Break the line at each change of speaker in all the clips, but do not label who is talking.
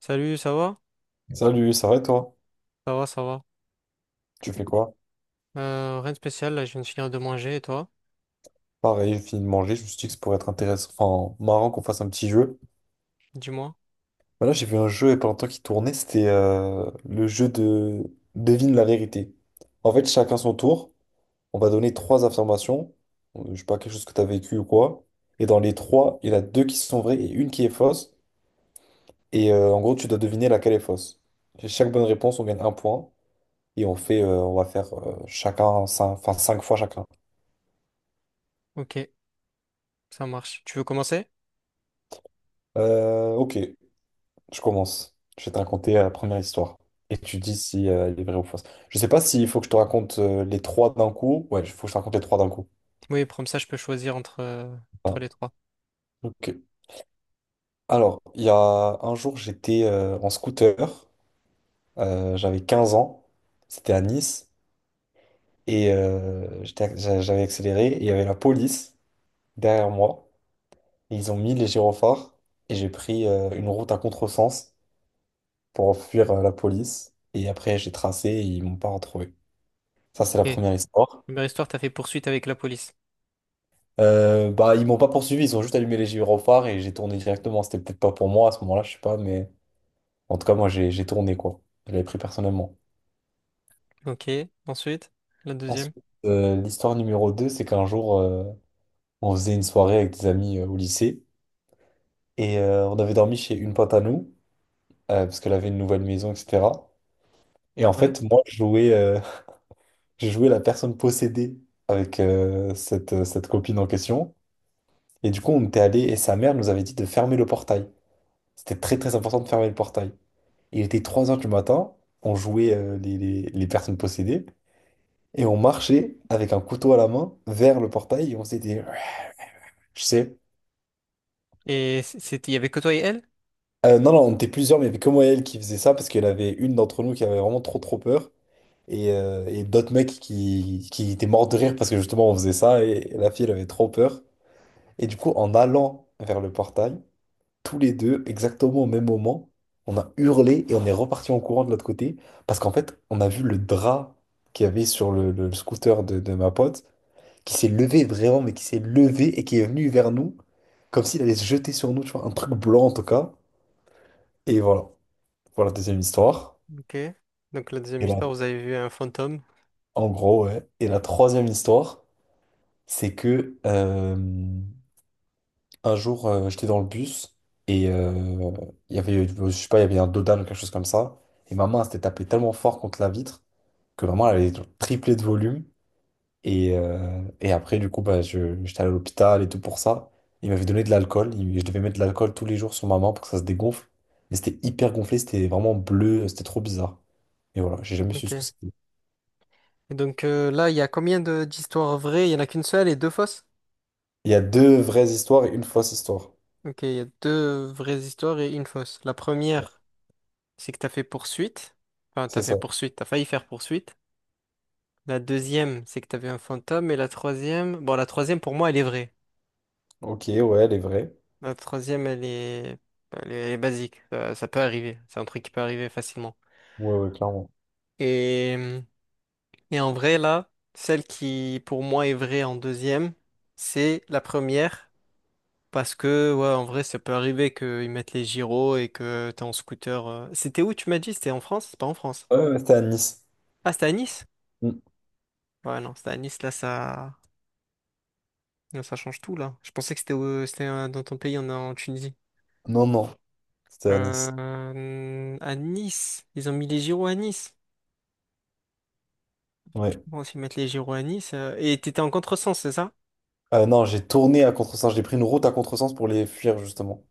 Salut, ça va?
Salut, ça va et toi?
Ça va, ça va.
Tu fais quoi?
Rien de spécial, là, je viens de finir de manger, et toi?
Pareil, j'ai fini de manger, je me suis dit que ça pourrait être intéressant, enfin marrant qu'on fasse un petit jeu.
Dis-moi.
Bah là, j'ai vu un jeu il y a pas longtemps qui tournait, c'était le jeu de devine la vérité. En fait, chacun son tour, on va donner trois affirmations, je sais pas, quelque chose que tu as vécu ou quoi. Et dans les trois, il y en a deux qui sont vraies et une qui est fausse. Et en gros, tu dois deviner laquelle est fausse. Et chaque bonne réponse, on gagne un point. Et on fait, on va faire chacun, cinq, enfin cinq fois chacun.
Ok, ça marche. Tu veux commencer?
Ok, je commence. Je vais te raconter la première histoire. Et tu dis si elle est vraie ou fausse. Je sais pas s'il faut que je te raconte les trois d'un coup. Ouais, il faut que je te raconte les trois d'un coup.
Oui, comme ça, je peux choisir entre, entre
Ah,
les trois.
ok. Alors, il y a un jour, j'étais en scooter. J'avais 15 ans. C'était à Nice. Et j'avais accéléré. Et il y avait la police derrière moi. Et ils ont mis les gyrophares. Et j'ai pris une route à contresens pour fuir la police. Et après, j'ai tracé et ils m'ont pas retrouvé. Ça, c'est la
Ok.
première histoire.
Première histoire, t'as fait poursuite avec la police.
Bah, ils m'ont pas poursuivi, ils ont juste allumé les gyrophares et j'ai tourné directement. C'était peut-être pas pour moi à ce moment-là, je sais pas, mais en tout cas, moi, j'ai tourné, quoi. Je l'avais pris personnellement.
Ok, ensuite, la deuxième.
Ensuite, l'histoire numéro 2, c'est qu'un jour, on faisait une soirée avec des amis au lycée et on avait dormi chez une pote à nous, parce qu'elle avait une nouvelle maison, etc. Et en
Ouais.
fait, moi, je jouais, je jouais la personne possédée avec cette copine en question. Et du coup, on était allé et sa mère nous avait dit de fermer le portail. C'était très très important de fermer le portail. Et il était 3 heures du matin, on jouait les personnes possédées et on marchait avec un couteau à la main vers le portail et on s'était dit, ouais, je sais.
Et c'était, il y avait que toi et elle?
Non, non, on était plusieurs, mais il y avait que moi et elle qui faisait ça parce qu'elle avait une d'entre nous qui avait vraiment trop trop peur et d'autres mecs qui étaient morts de rire parce que justement on faisait ça et la fille elle avait trop peur. Et du coup, en allant vers le portail, tous les deux, exactement au même moment, on a hurlé et on est reparti en courant de l'autre côté parce qu'en fait, on a vu le drap qu'il y avait sur le scooter de ma pote qui s'est levé vraiment, mais qui s'est levé et qui est venu vers nous comme s'il allait se jeter sur nous, tu vois, un truc blanc en tout cas. Et voilà, voilà deuxième histoire.
Ok. Donc, la deuxième
Et là,
histoire, vous avez vu un fantôme.
en gros, ouais. Et la troisième histoire, c'est que un jour, j'étais dans le bus et il y avait, je sais pas, il y avait un dodan ou quelque chose comme ça. Et ma main s'était tapée tellement fort contre la vitre que vraiment elle avait triplé de volume. Et après, du coup, bah, j'étais allé à l'hôpital et tout pour ça. Il m'avait donné de l'alcool. Je devais mettre de l'alcool tous les jours sur ma main pour que ça se dégonfle. Mais c'était hyper gonflé, c'était vraiment bleu, c'était trop bizarre. Et voilà, j'ai jamais su
Ok.
ce que
Et
c'était.
donc, là, il y a combien de d'histoires vraies? Il y en a qu'une seule et deux fausses?
Il y a deux vraies histoires et une fausse histoire.
Ok, il y a deux vraies histoires et une fausse. La première, c'est que t'as fait poursuite. Enfin, t'as
C'est
fait
ça.
poursuite, t'as failli faire poursuite. La deuxième, c'est que t'avais un fantôme. Et la troisième, bon, la troisième, pour moi, elle est vraie.
Ok, ouais, elle est vraie.
La troisième, elle est basique. Ça peut arriver. C'est un truc qui peut arriver facilement.
Ouais, ouais, clairement.
Et, et en vrai, là, celle qui, pour moi, est vraie en deuxième, c'est la première. Parce que, ouais, en vrai, ça peut arriver qu'ils mettent les gyros et que t'es en scooter. C'était où, tu m'as dit? C'était en France? C'est pas en France.
Ouais, ouais, c'était à Nice.
Ah, c'était à Nice?
Mm.
Ouais, non, c'était à Nice, là, ça. Ah, ça change tout là. Je pensais que c'était dans ton pays, en Tunisie.
Non, non, c'était à Nice.
À Nice, ils ont mis les gyros à Nice.
Ouais.
Bon, s'ils mettent les gyros à Nice. Et t'étais en contresens, c'est ça?
Non, j'ai tourné à contresens. J'ai pris une route à contresens pour les fuir, justement.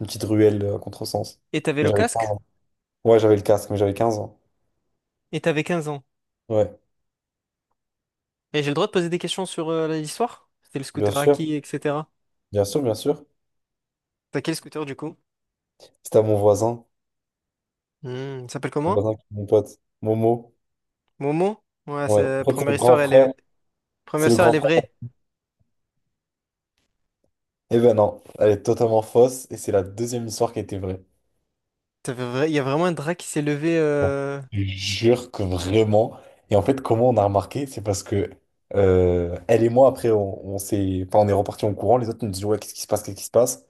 Une petite ruelle à contresens.
Et t'avais
Mais
le
j'avais 15
casque
ans. Ouais, j'avais le casque, mais j'avais 15 ans.
et t'avais 15 ans.
Ouais,
Et j'ai le droit de poser des questions sur l'histoire? C'était le
bien
scooter à
sûr.
qui, etc.
Bien sûr, bien sûr.
T'as quel scooter du coup?
C'était à mon voisin.
Hmm, il s'appelle
Mon
comment?
voisin qui est mon pote. Momo.
Momo? Ouais,
Ouais.
c'est
En fait, c'est
première
le grand
histoire, elle
frère.
est première
C'est le
histoire, elle
grand
est
frère.
vraie.
Eh ben non, elle est totalement fausse. Et c'est la deuxième histoire qui était vraie.
Il y a vraiment un drap qui s'est levé.
Je jure que vraiment. Et en fait, comment on a remarqué, c'est parce que elle et moi, après, on s'est, enfin, on est reparti en courant. Les autres nous disent, ouais, qu'est-ce qui se passe, qu'est-ce qui se passe?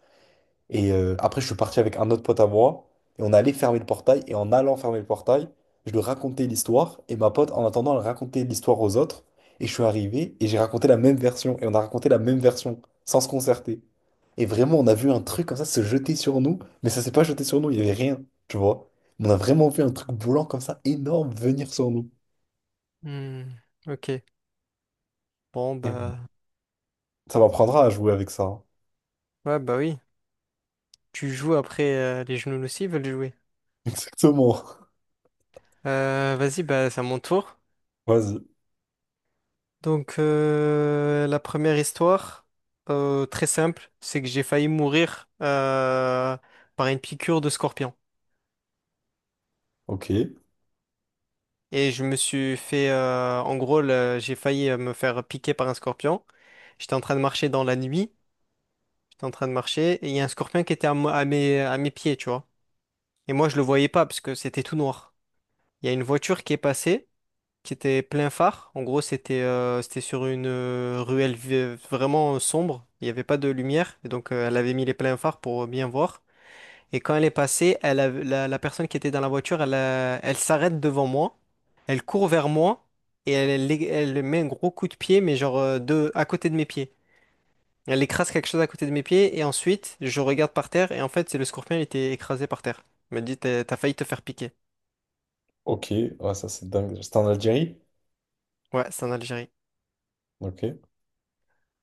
Et après, je suis parti avec un autre pote à moi, et on allait fermer le portail, et en allant fermer le portail, je lui racontais l'histoire, et ma pote, en attendant, elle racontait l'histoire aux autres, et je suis arrivé, et j'ai raconté la même version, et on a raconté la même version, sans se concerter. Et vraiment, on a vu un truc comme ça se jeter sur nous, mais ça s'est pas jeté sur nous, il y avait rien, tu vois. On a vraiment vu un truc blanc comme ça, énorme, venir sur nous.
hmm, Ok. Bon,
Et ouais.
bah,
Ça m'apprendra à jouer avec ça, hein.
ouais, bah, oui. Tu joues après les genoux aussi veulent jouer.
Exactement.
Vas-y, bah, c'est à mon tour.
Vas-y.
Donc, la première histoire, très simple, c'est que j'ai failli mourir par une piqûre de scorpion.
Ok.
Et je me suis fait, j'ai failli me faire piquer par un scorpion. J'étais en train de marcher dans la nuit, j'étais en train de marcher, et il y a un scorpion qui était à mes pieds, tu vois. Et moi, je le voyais pas parce que c'était tout noir. Il y a une voiture qui est passée qui était plein phare. En gros, c'était sur une ruelle vraiment sombre. Il n'y avait pas de lumière. Et donc, elle avait mis les pleins phares pour bien voir. Et quand elle est passée, la personne qui était dans la voiture, elle s'arrête devant moi. Elle court vers moi. Et elle met un gros coup de pied, mais genre à côté de mes pieds. Elle écrase quelque chose à côté de mes pieds. Et ensuite, je regarde par terre. Et en fait, c'est le scorpion, il était écrasé par terre. Il m'a dit, t'as failli te faire piquer.
Ok. Ouais, ça c'est dingue. C'était en Algérie?
Ouais, c'est en Algérie.
Ok.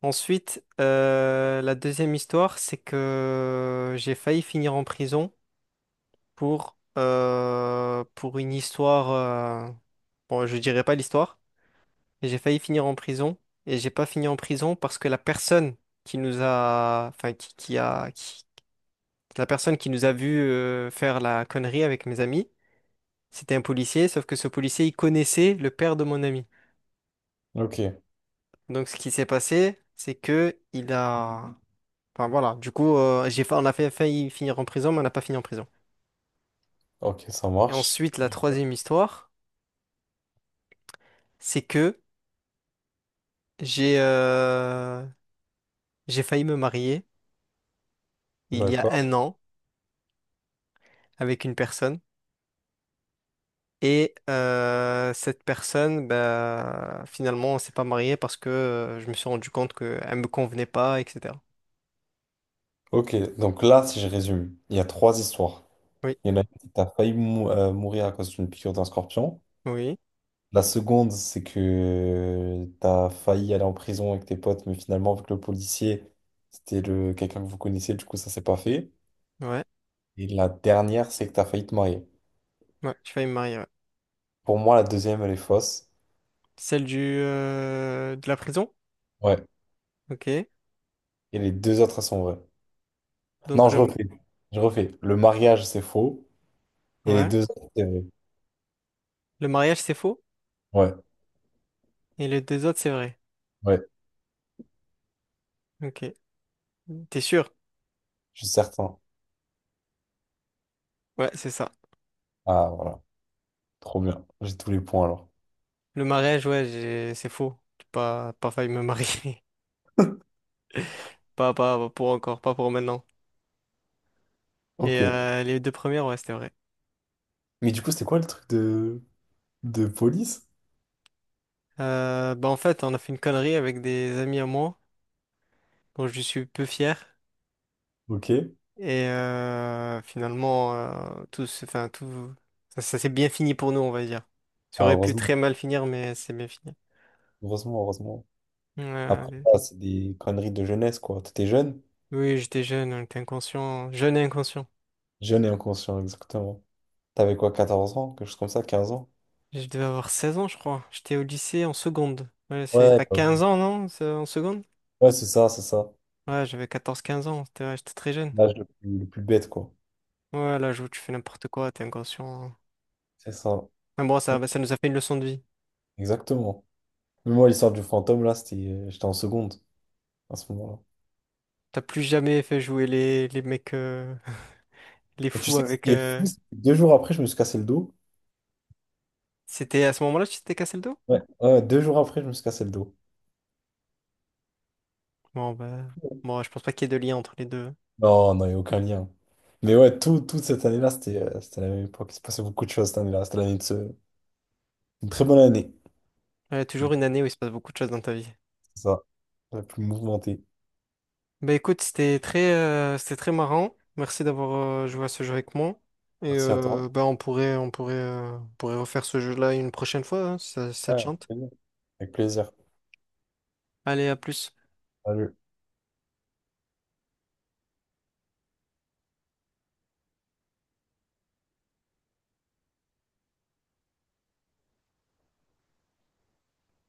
Ensuite, la deuxième histoire, c'est que j'ai failli finir en prison pour une histoire. euh, Bon, je dirais pas l'histoire, mais j'ai failli finir en prison et j'ai pas fini en prison parce que la personne qui nous a, enfin, la personne qui nous a vu faire la connerie avec mes amis, c'était un policier, sauf que ce policier, il connaissait le père de mon ami.
Ok.
Donc, ce qui s'est passé, c'est que il a enfin voilà, du coup, on a failli finir en prison, mais on n'a pas fini en prison.
Ok, ça
Et
marche.
ensuite, la troisième histoire, c'est que j'ai euh, j'ai failli me marier il y a un
D'accord.
an avec une personne. Et cette personne, bah, finalement, on s'est pas marié parce que je me suis rendu compte qu'elle me convenait pas, etc.
Ok, donc là, si je résume, il y a trois histoires.
Oui,
Il y en a une qui t'as mourir à cause d'une piqûre d'un scorpion.
oui,
La seconde, c'est que t'as failli aller en prison avec tes potes, mais finalement, avec le policier, c'était le quelqu'un que vous connaissez, du coup, ça s'est pas fait.
ouais,
Et la dernière, c'est que t'as failli te marier.
ouais, j'ai failli me marier. Ouais.
Pour moi, la deuxième, elle est fausse.
Celle du de la prison?
Ouais.
Ok.
Et les deux autres, elles sont vraies. Non,
Donc,
je
le
refais. Je refais. Le mariage, c'est faux. Et les
ouais,
deux autres, c'est vrai.
le mariage c'est faux
Ouais,
et les deux autres c'est vrai.
ouais,
Ok. T'es sûr?
je suis certain.
Ouais, c'est ça.
Ah, voilà. Trop bien. J'ai tous les points alors.
Le mariage, ouais, j'ai- c'est faux. J'ai pas, pas failli me marier. Pas, pas pour encore, pas pour maintenant. Et
Ok.
les deux premières, ouais, c'était vrai.
Mais du coup, c'était quoi le truc de police?
Bah en fait, on a fait une connerie avec des amis à moi, dont je suis peu fier.
Ok.
Et finalement, tout, enfin, tout, ça s'est bien fini pour nous, on va dire. Ça
Ah,
aurait pu
heureusement.
très mal finir, mais c'est bien fini.
Heureusement, heureusement. Après,
Ouais,
ça c'est des conneries de jeunesse, quoi. T'étais jeune?
oui, j'étais jeune, on était inconscient, jeune et inconscient.
Jeune et inconscient, exactement. T'avais quoi, 14 ans? Quelque chose comme ça, 15 ans?
Je devais avoir 16 ans, je crois. J'étais au lycée en seconde.
Ouais,
T'as
bah
15
oui.
ans, non? C'est en seconde?
Ouais, c'est ça, c'est ça.
Ouais, j'avais quatorze quinze ans. C'était ouais, j'étais très jeune.
L'âge le plus bête, quoi.
Ouais, là, joue, tu fais n'importe quoi, t'es inconscient.
C'est ça.
Mais bon, ça, bah, ça nous a fait une leçon de vie.
Exactement. Mais moi, l'histoire du fantôme, là, c'était, j'étais en seconde à ce moment-là.
T'as plus jamais fait jouer les mecs, les
Et tu
fous
sais que ce qui est fou, c'est que 2 jours après, je me suis cassé le dos.
C'était à ce moment-là que tu t'étais cassé le dos?
Ouais. Ouais, 2 jours après, je me suis cassé le dos.
Bon, bah. Bon, je pense pas qu'il y ait de lien entre les deux.
Non, non, il n'y a aucun lien. Mais ouais, tout, toute cette année-là, c'était c'était la même époque. Il se passait beaucoup de choses cette année-là. C'était l'année de ce... une très bonne année.
Ouais, toujours une année où il se passe beaucoup de choses dans ta vie.
C'est ça, la plus mouvementée.
Bah écoute, c'était très marrant. Merci d'avoir joué à ce jeu avec moi. Et
Merci à toi.
bah on pourrait, on pourrait, on pourrait refaire ce jeu-là une prochaine fois, hein, si ça, si ça
Ouais,
te
avec
chante.
plaisir. Avec plaisir.
Allez, à plus.
Salut.